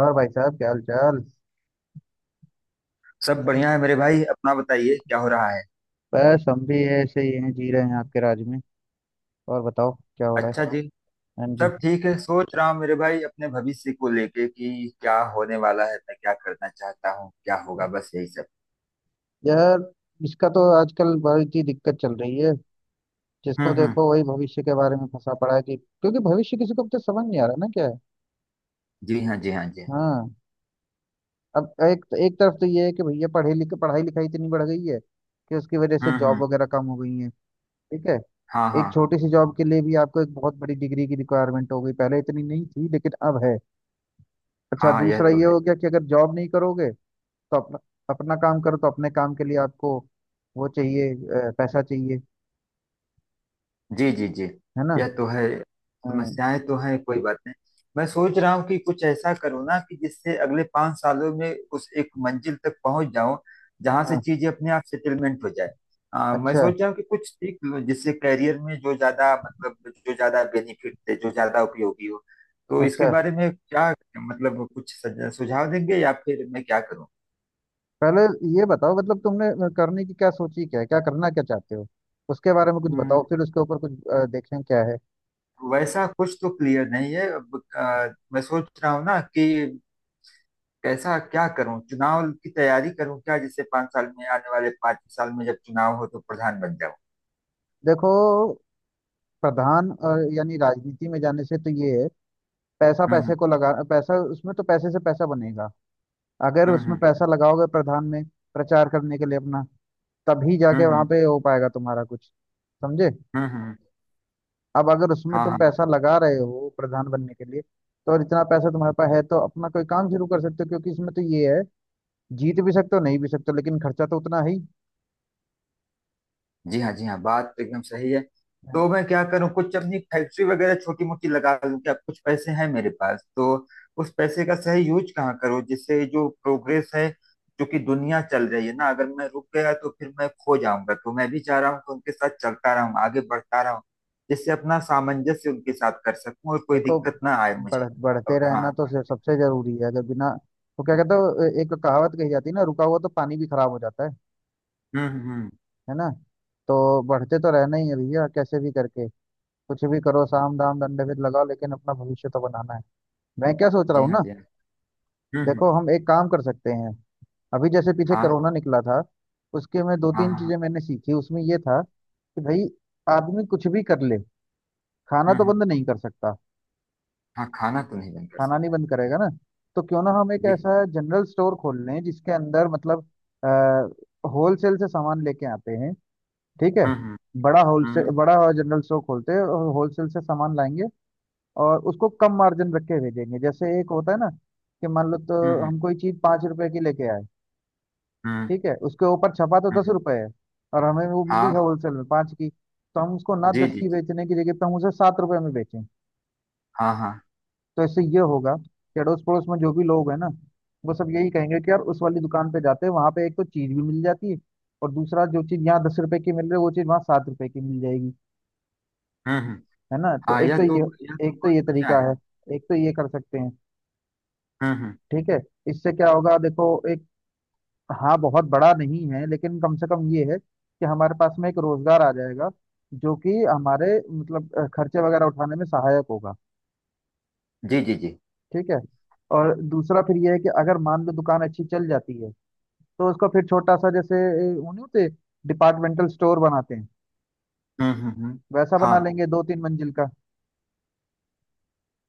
और भाई साहब क्या हाल चाल। सब बढ़िया है मेरे भाई, अपना बताइए क्या हो रहा है। बस हम भी ऐसे ही हैं जी रहे हैं आपके राज में। और बताओ क्या हो रहा है। अच्छा जी। हाँ जी। सब ठीक है, सोच रहा हूँ मेरे भाई अपने भविष्य को लेके कि क्या होने वाला है, मैं क्या करना चाहता हूँ, क्या होगा, बस यही सब। यार इसका तो आजकल बहुत ही दिक्कत चल रही है। जिसको हम्म। देखो वही भविष्य के बारे में फंसा पड़ा है कि क्योंकि भविष्य किसी को तो समझ नहीं आ रहा ना क्या है। जी हाँ जी हाँ जी हाँ। हाँ। अब एक एक तरफ तो ये है कि भैया पढ़े लिखे पढ़ाई लिखाई इतनी बढ़ गई है कि उसकी वजह से जॉब हम्म। वगैरह कम हो गई है। ठीक है। हाँ हाँ। एक छोटी सी जॉब के लिए भी आपको एक बहुत बड़ी डिग्री की रिक्वायरमेंट हो गई पहले इतनी नहीं थी लेकिन अब है। अच्छा हाँ हाँ, यह दूसरा तो ये है। हो गया कि अगर जॉब नहीं करोगे तो अपना अपना काम करो तो अपने काम के लिए आपको वो चाहिए पैसा चाहिए। जी जी जी। है ना। यह तो है। हाँ समस्याएं तो हैं, कोई बात नहीं। मैं सोच रहा हूँ कि कुछ ऐसा करूँ ना कि जिससे अगले 5 सालों में उस एक मंजिल तक पहुंच जाऊं जहां से हाँ। चीजें अपने आप सेटलमेंट हो जाए। मैं अच्छा सोच रहा हूँ कि कुछ सीख लूं जिससे करियर में जो ज्यादा मतलब जो ज्यादा बेनिफिट दे, जो ज्यादा उपयोगी हो। तो इसके अच्छा बारे में क्या, मतलब कुछ सुझाव देंगे या फिर मैं क्या करूँ। पहले ये बताओ मतलब तुमने करने की क्या सोची क्या है क्या करना क्या चाहते हो। उसके बारे में कुछ हम्म। बताओ फिर उसके ऊपर कुछ देखें क्या है। वैसा कुछ तो क्लियर नहीं है अब, मैं सोच रहा हूँ ना कि कैसा क्या करूं, चुनाव की तैयारी करूं क्या जिससे पांच साल में आने वाले 5 साल में जब चुनाव हो तो प्रधान बन जाऊं। देखो प्रधान यानी राजनीति में जाने से तो ये है। पैसा हम्म पैसे को लगा पैसा उसमें तो पैसे से पैसा बनेगा। अगर हम्म उसमें हम्म पैसा लगाओगे प्रधान में प्रचार करने के लिए अपना तभी जाके हम्म वहां हम्म पे हो पाएगा तुम्हारा कुछ। समझे। हम्म। अब अगर उसमें हाँ तुम हाँ, पैसा लगा रहे हो प्रधान बनने के लिए तो और इतना पैसा तुम्हारे पास है तो अपना कोई काम शुरू कर सकते हो क्योंकि इसमें तो ये है। जीत भी सकते हो नहीं भी सकते हो लेकिन खर्चा तो उतना ही जी हाँ, जी हाँ, बात तो एकदम सही है। है। तो मैं क्या करूँ, कुछ अपनी फैक्ट्री वगैरह छोटी मोटी लगा लूँ क्या? कुछ पैसे हैं मेरे पास तो उस पैसे का सही यूज कहाँ करूँ जिससे जो प्रोग्रेस है जो कि दुनिया चल रही है ना, अगर मैं रुक गया तो फिर मैं खो जाऊंगा, तो मैं भी चाह रहा हूँ कि उनके साथ चलता रहूँ, आगे बढ़ता रहूँ, जिससे अपना सामंजस्य उनके साथ कर सकूँ और कोई देखो दिक्कत ना आए मुझे। बढ़ते और रहना हाँ। तो सबसे जरूरी है अगर बिना वो क्या कहते हो एक कहावत कही जाती है ना रुका हुआ तो पानी भी खराब हो जाता है। हम्म। है ना। तो बढ़ते तो रहना ही है भैया कैसे भी करके। कुछ भी करो साम दाम दंडभेद लगाओ लेकिन अपना भविष्य तो बनाना है। मैं क्या सोच रहा जी हूँ हाँ, ना। जी हाँ। हम्म। देखो हम एक काम कर सकते हैं। अभी जैसे पीछे हाँ कोरोना निकला था उसके में दो हाँ तीन हाँ हाँ। चीजें मैंने सीखी उसमें ये था कि भाई आदमी कुछ भी कर ले खाना तो हम्म। बंद नहीं कर सकता। हाँ, खाना तो नहीं बंद कर खाना नहीं सकता। बंद करेगा ना। तो क्यों ना हम एक जी जी। ऐसा जनरल स्टोर खोल लें जिसके अंदर मतलब होलसेल से सामान लेके आते हैं। ठीक है। हम्म। बड़ा होलसेल हम्म। बड़ा जनरल स्टोर खोलते हैं और होलसेल से सामान लाएंगे और उसको कम मार्जिन रख के भेजेंगे जैसे एक होता है ना कि मान लो हम्म तो हम्म हम कोई चीज 5 रुपए की लेके आए। हम्म। ठीक है। उसके ऊपर छपा तो दस हम्म। रुपए है और हमें वो मिली है हाँ, होलसेल में पाँच की तो हम उसको ना जी दस जी की जी। बेचने की जगह पे हम उसे 7 रुपए में बेचें। हाँ हाँ। तो इससे ये होगा कि अड़ोस पड़ोस में जो भी लोग हैं ना वो सब यही कहेंगे कि यार उस वाली दुकान पे जाते हैं वहां पे एक तो चीज भी मिल जाती है और दूसरा जो चीज यहाँ दस रुपए की मिल रही है वो चीज वहाँ सात रुपए की मिल जाएगी। हम्म। है ना तो हाँ, एक तो ये यह तो एक तो बहुत ये बढ़िया तरीका है। है। एक तो ये कर सकते हैं। हम्म। ठीक है। इससे क्या होगा देखो एक। हाँ बहुत बड़ा नहीं है लेकिन कम से कम ये है कि हमारे पास में एक रोजगार आ जाएगा जो कि हमारे मतलब खर्चे वगैरह उठाने में सहायक होगा। जी जी जी। ठीक है। और दूसरा फिर ये है कि अगर मान लो दुकान अच्छी चल जाती है तो उसको फिर छोटा सा जैसे वो नहीं होते डिपार्टमेंटल स्टोर बनाते हैं हम्म। वैसा बना हाँ लेंगे दो तीन मंजिल का।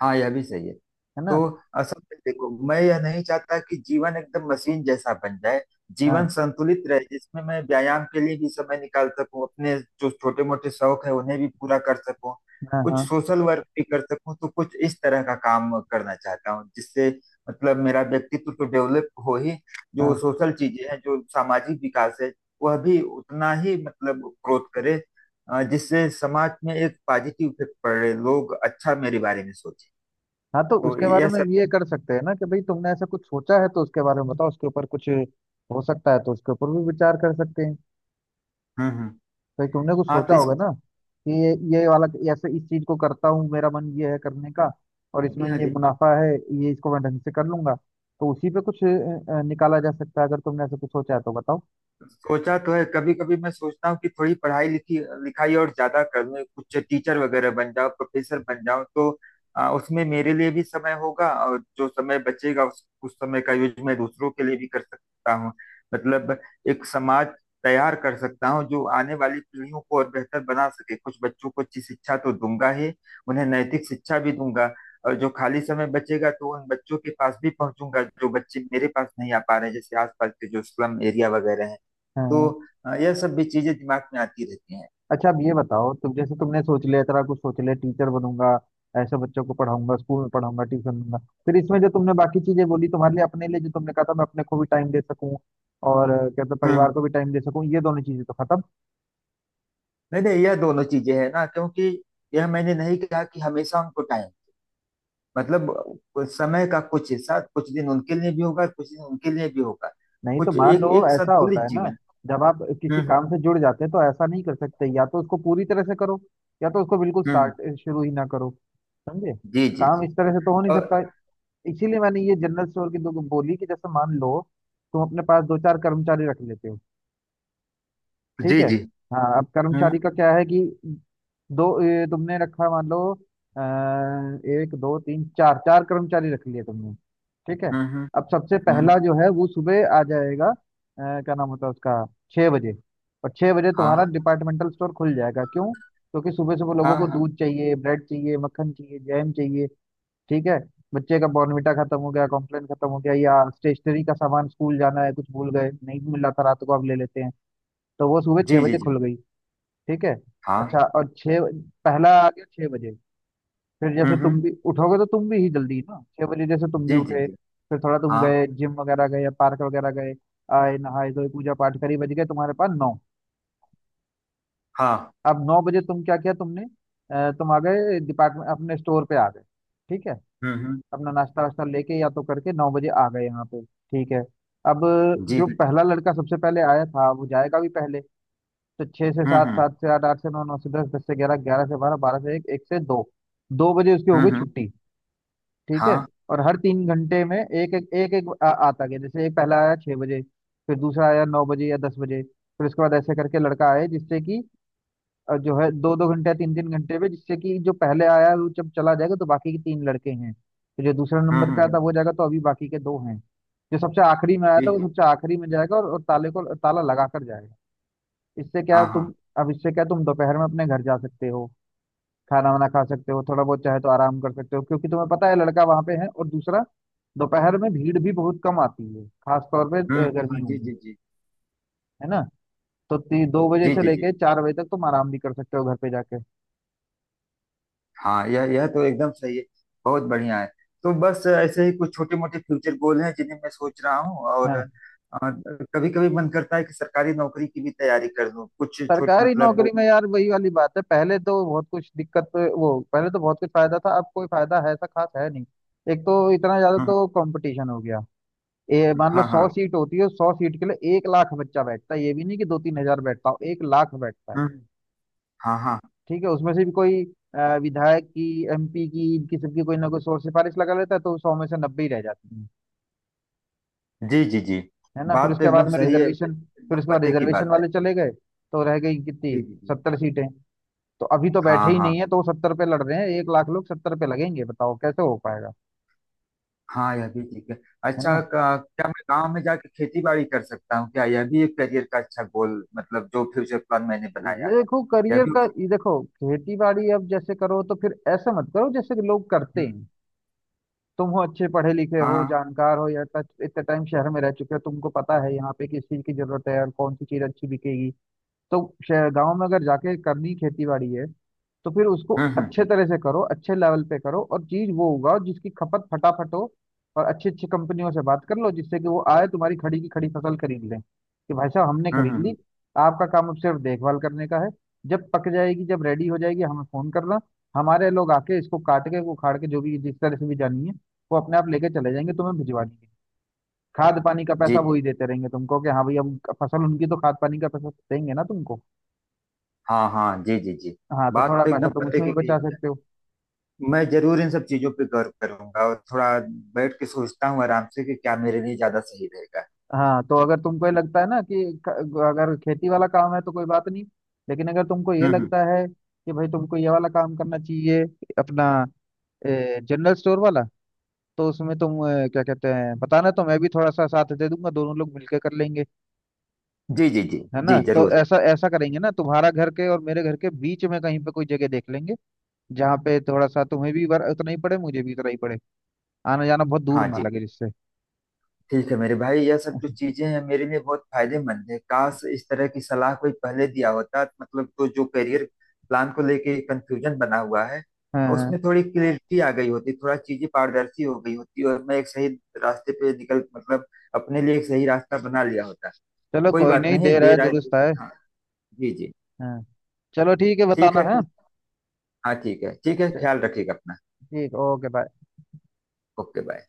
हाँ, यह भी सही है। है ना। तो असल में देखो, मैं यह नहीं चाहता कि जीवन एकदम मशीन जैसा बन जाए। हाँ जीवन संतुलित रहे जिसमें मैं व्यायाम के लिए भी समय निकाल सकूं, अपने जो छोटे मोटे शौक है उन्हें भी पूरा कर सकूं, हाँ कुछ हाँ सोशल वर्क भी कर सकूं, तो कुछ इस तरह का काम करना चाहता हूं जिससे मतलब मेरा व्यक्तित्व तो डेवलप हो ही, जो हाँ सोशल चीजें हैं जो सामाजिक विकास है वह भी उतना ही मतलब ग्रोथ करे, जिससे समाज में एक पॉजिटिव इफेक्ट पड़े, लोग अच्छा मेरे बारे में सोचे। हाँ। तो तो उसके बारे यह। में ये कर सकते हैं ना कि भाई तुमने ऐसा कुछ सोचा है तो उसके बारे में बताओ उसके ऊपर कुछ हो सकता है तो उसके ऊपर भी विचार कर सकते हैं। हम्म। फिर तुमने कुछ हाँ सोचा तो इस। होगा ना कि ये वाला ऐसे इस चीज को करता हूँ मेरा मन ये है करने का और जी इसमें हाँ ये जी। मुनाफा है। ये इसको मैं ढंग से कर लूंगा। तो उसी पे कुछ निकाला जा सकता है अगर तुमने ऐसा कुछ सोचा है तो बताओ। सोचा तो है, कभी कभी मैं सोचता हूँ कि थोड़ी पढ़ाई लिखी लिखाई और ज्यादा कर लूँ, कुछ टीचर वगैरह बन जाओ, प्रोफेसर बन जाओ, तो उसमें मेरे लिए भी समय होगा और जो समय बचेगा उस समय का यूज मैं दूसरों के लिए भी कर सकता हूँ। मतलब एक समाज तैयार कर सकता हूँ जो आने वाली पीढ़ियों को और बेहतर बना सके, कुछ बच्चों को अच्छी शिक्षा तो दूंगा ही, उन्हें नैतिक शिक्षा भी दूंगा, और जो खाली समय बचेगा तो उन बच्चों के पास भी पहुंचूंगा जो बच्चे मेरे पास नहीं आ पा रहे हैं, जैसे आसपास के जो स्लम एरिया वगैरह हैं। हाँ तो हाँ। यह सब भी चीजें दिमाग में आती रहती हैं। अच्छा अब ये बताओ तुम जैसे तुमने सोच लिया इतना कुछ सोच लिया टीचर बनूंगा ऐसे बच्चों को पढ़ाऊंगा स्कूल में पढ़ाऊंगा ट्यूशन दूंगा। फिर इसमें जो तुमने बाकी चीजें बोली तुम्हारे लिए अपने लिए जो तुमने कहा था मैं अपने को भी टाइम दे सकूं और कहते हैं, परिवार हम्म। को भी टाइम दे सकूं ये दोनों चीजें तो खत्म। नहीं नहीं, यह दोनों चीजें हैं ना क्योंकि यह मैंने नहीं कहा कि हमेशा उनको टाइम, मतलब कुछ समय का कुछ हिस्सा, कुछ दिन उनके लिए भी होगा, कुछ दिन उनके लिए भी होगा, नहीं तो कुछ मान लो एक एक ऐसा होता संतुलित है ना जीवन। जब आप हम्म किसी काम हम्म से जुड़ जाते हैं तो ऐसा नहीं कर सकते या तो उसको पूरी तरह से करो या तो उसको बिल्कुल हम्म। स्टार्ट शुरू ही ना करो। समझे। जी जी काम जी। इस तरह से तो हो नहीं और। सकता। इसीलिए मैंने ये जनरल स्टोर की दो बोली कि जैसे मान लो तुम अपने पास दो चार कर्मचारी रख लेते हो। ठीक जी है। जी। हाँ अब हम्म कर्मचारी का क्या है कि दो तुमने रखा मान लो आ, एक दो तीन चार चार कर्मचारी रख लिए तुमने। ठीक है। हम्म हम्म अब सबसे हम्म। पहला जो है वो सुबह आ जाएगा क्या नाम होता है उसका छः बजे और छः बजे तुम्हारा हाँ डिपार्टमेंटल स्टोर खुल जाएगा क्यों क्योंकि सुबह सुबह लोगों हाँ। को हाँ। दूध चाहिए ब्रेड चाहिए मक्खन चाहिए जैम चाहिए। ठीक है। बच्चे का बॉर्नविटा खत्म हो गया कॉम्प्लेन खत्म हो गया या स्टेशनरी का सामान स्कूल जाना है कुछ भूल गए नहीं मिल रहा था रात को अब ले लेते हैं। तो वो सुबह छह जी जी बजे जी। खुल गई। ठीक है। हाँ। अच्छा और छः पहला आ गया छह बजे फिर जैसे हम्म। तुम भी उठोगे तो तुम भी ही जल्दी ना छह बजे जैसे तुम भी जी जी उठे जी। फिर थोड़ा तुम हाँ गए जिम वगैरह गए या पार्क वगैरह गए आए नहाए धोए पूजा पाठ करी बज गए तुम्हारे पास नौ। हाँ। अब नौ बजे तुम क्या किया तुमने तुम आ गए डिपार्टमेंट अपने स्टोर पे आ गए। ठीक है। हम्म। अपना नाश्ता वास्ता लेके या तो करके नौ बजे आ गए यहाँ पे ठीक है। अब जी जो हाँ जी। पहला लड़का सबसे पहले आया था वो जाएगा भी पहले। तो छह से हम्म सात हम्म सात से आठ आठ से नौ नौ से दस दस से ग्यारह ग्यारह से बारह बारह से एक एक से दो दो बजे उसकी हो हम्म गई हम्म। छुट्टी। ठीक है। हाँ। और हर 3 घंटे में एक एक आता गया जैसे एक पहला आया छह बजे। फिर दूसरा आया नौ बजे या दस बजे फिर उसके बाद ऐसे करके लड़का आए जिससे कि जो है दो दो घंटे या तीन तीन घंटे में जिससे कि जो पहले आया वो जब चला जाएगा तो बाकी के तीन लड़के हैं तो जो दूसरा हम्म नंबर पे हम्म आया था हम्म। वो जाएगा तो अभी बाकी के दो हैं। जो सबसे आखिरी में आया जी था जी। वो सबसे आखिरी में जाएगा और ताले को ताला लगा कर जाएगा। इससे क्या हाँ हाँ। तुम। अब इससे क्या तुम दोपहर में अपने घर जा सकते हो खाना वाना खा सकते हो थोड़ा बहुत चाहे तो आराम कर सकते हो क्योंकि तुम्हें पता है लड़का वहां पे है और दूसरा दोपहर में भीड़ भी बहुत कम आती है खास तौर पे हम्म। हाँ, गर्मियों जी में। जी जी। है ना। तो दो बजे जी से जी जी, लेके चार बजे तक तुम आराम भी कर सकते हो घर पे जाके। हाँ, यह तो एकदम सही है, बहुत बढ़िया है। तो बस ऐसे ही कुछ छोटे मोटे फ्यूचर गोल हैं जिन्हें मैं सोच रहा हूँ, और हाँ। कभी कभी मन करता है कि सरकारी नौकरी की भी तैयारी कर लूँ, कुछ छोट सरकारी मतलब वो। नौकरी में यार वही वाली बात है पहले तो बहुत कुछ दिक्कत वो पहले तो बहुत कुछ फायदा था अब कोई फायदा है ऐसा खास है नहीं। एक तो इतना ज्यादा हम्म तो कंपटीशन हो गया ये हम्म। मान लो हाँ सौ हाँ। सीट होती है सौ सीट के लिए 1 लाख बच्चा बैठता है ये भी नहीं कि दो तीन हजार बैठता हो एक लाख बैठता है। हम्म। हाँ हाँ। ठीक है। उसमें से भी कोई विधायक की एमपी की इनकी सबकी कोई ना कोई शोर सिफारिश लगा लेता है तो सौ में से 90 ही रह जाती है। जी जी जी। है ना फिर बात तो उसके एकदम बाद में सही है, रिजर्वेशन फिर एकदम उसके बाद पते की रिजर्वेशन बात है। वाले चले गए। तो रह गई कितनी जी जी जी। 70 सीटें। तो अभी तो हाँ बैठे ही हाँ। नहीं है तो सत्तर पे लड़ रहे हैं एक लाख लोग सत्तर पे लगेंगे बताओ कैसे हो पाएगा। हाँ, यह भी ठीक है। है अच्छा, ना। क्या मैं गांव में जाके खेती बाड़ी कर सकता हूँ, क्या यह भी एक करियर का अच्छा गोल, मतलब जो फ्यूचर प्लान मैंने बनाया है। देखो यह करियर भी। का ये देखो खेती बाड़ी अब जैसे करो तो फिर ऐसा मत करो जैसे कि लोग करते हम्म। हैं। तुम हो अच्छे पढ़े लिखे हाँ हो हाँ। जानकार हो या टच इतने टाइम शहर में रह चुके हो तुमको पता है यहाँ पे किस चीज की जरूरत है और कौन सी चीज अच्छी बिकेगी। तो शहर गांव में अगर जाके करनी खेती बाड़ी है तो फिर उसको हम्म। अच्छे तरह से करो अच्छे लेवल पे करो और चीज वो उगाओ जिसकी खपत फटाफट हो और अच्छी अच्छी कंपनियों से बात कर लो जिससे कि वो आए तुम्हारी खड़ी की खड़ी फसल खरीद लें कि भाई साहब हमने खरीद ली। हम्म। आपका काम अब सिर्फ देखभाल करने का है। जब पक जाएगी जब रेडी हो जाएगी हमें फोन करना हमारे लोग आके इसको काट के उखाड़ के जो भी जिस तरह से भी जानी है वो अपने आप लेके चले जाएंगे तुम्हें भिजवा देंगे। खाद पानी का जी पैसा वो जी। ही देते रहेंगे तुमको कि हाँ भैया अब फसल उनकी तो खाद पानी का पैसा देंगे ना तुमको। हाँ हाँ, जी जी जी। हाँ तो बात थोड़ा तो एकदम पैसा तुम पते उसमें की भी कही बचा भैया। सकते हो। मैं जरूर इन सब चीजों पे गौर करूंगा और थोड़ा बैठ के सोचता हूँ आराम से कि क्या मेरे लिए ज्यादा सही रहेगा। हाँ तो अगर तुमको ये लगता है ना कि अगर खेती वाला काम है तो कोई बात नहीं लेकिन अगर तुमको ये हम्म। लगता है कि भाई तुमको ये वाला काम करना चाहिए अपना जनरल स्टोर वाला तो उसमें तुम क्या कहते हैं बताना तो मैं भी थोड़ा सा साथ दे दूंगा दोनों लोग मिलकर कर लेंगे। जी जी जी। है ना जी तो जरूर। ऐसा ऐसा करेंगे ना तुम्हारा घर के और मेरे घर के बीच में कहीं पे कोई जगह देख लेंगे जहाँ पे थोड़ा सा तुम्हें भी उतना ही पड़े मुझे भी उतना ही पड़े आना जाना बहुत हाँ दूर ना जी। लगे जिससे। ठीक है मेरे भाई, यह सब जो चीजें हैं मेरे लिए बहुत फायदेमंद है, काश इस तरह की सलाह कोई पहले दिया होता, मतलब तो जो करियर प्लान को लेके कंफ्यूजन बना हुआ है हाँ हाँ। उसमें थोड़ी क्लियरिटी आ गई होती, थोड़ा चीजें पारदर्शी हो गई होती, और मैं एक सही रास्ते पे निकल, मतलब अपने लिए एक सही रास्ता बना लिया होता। चलो कोई कोई बात नहीं नहीं, देर है देर आए तो-। दुरुस्त है। हाँ। जी जी। हाँ। चलो ठीक है ठीक बताना है, है। ठीक-। हाँ ठीक है, ठीक है, च- ख्याल रखिएगा अपना। ठीक ओके बाय। Okay bye.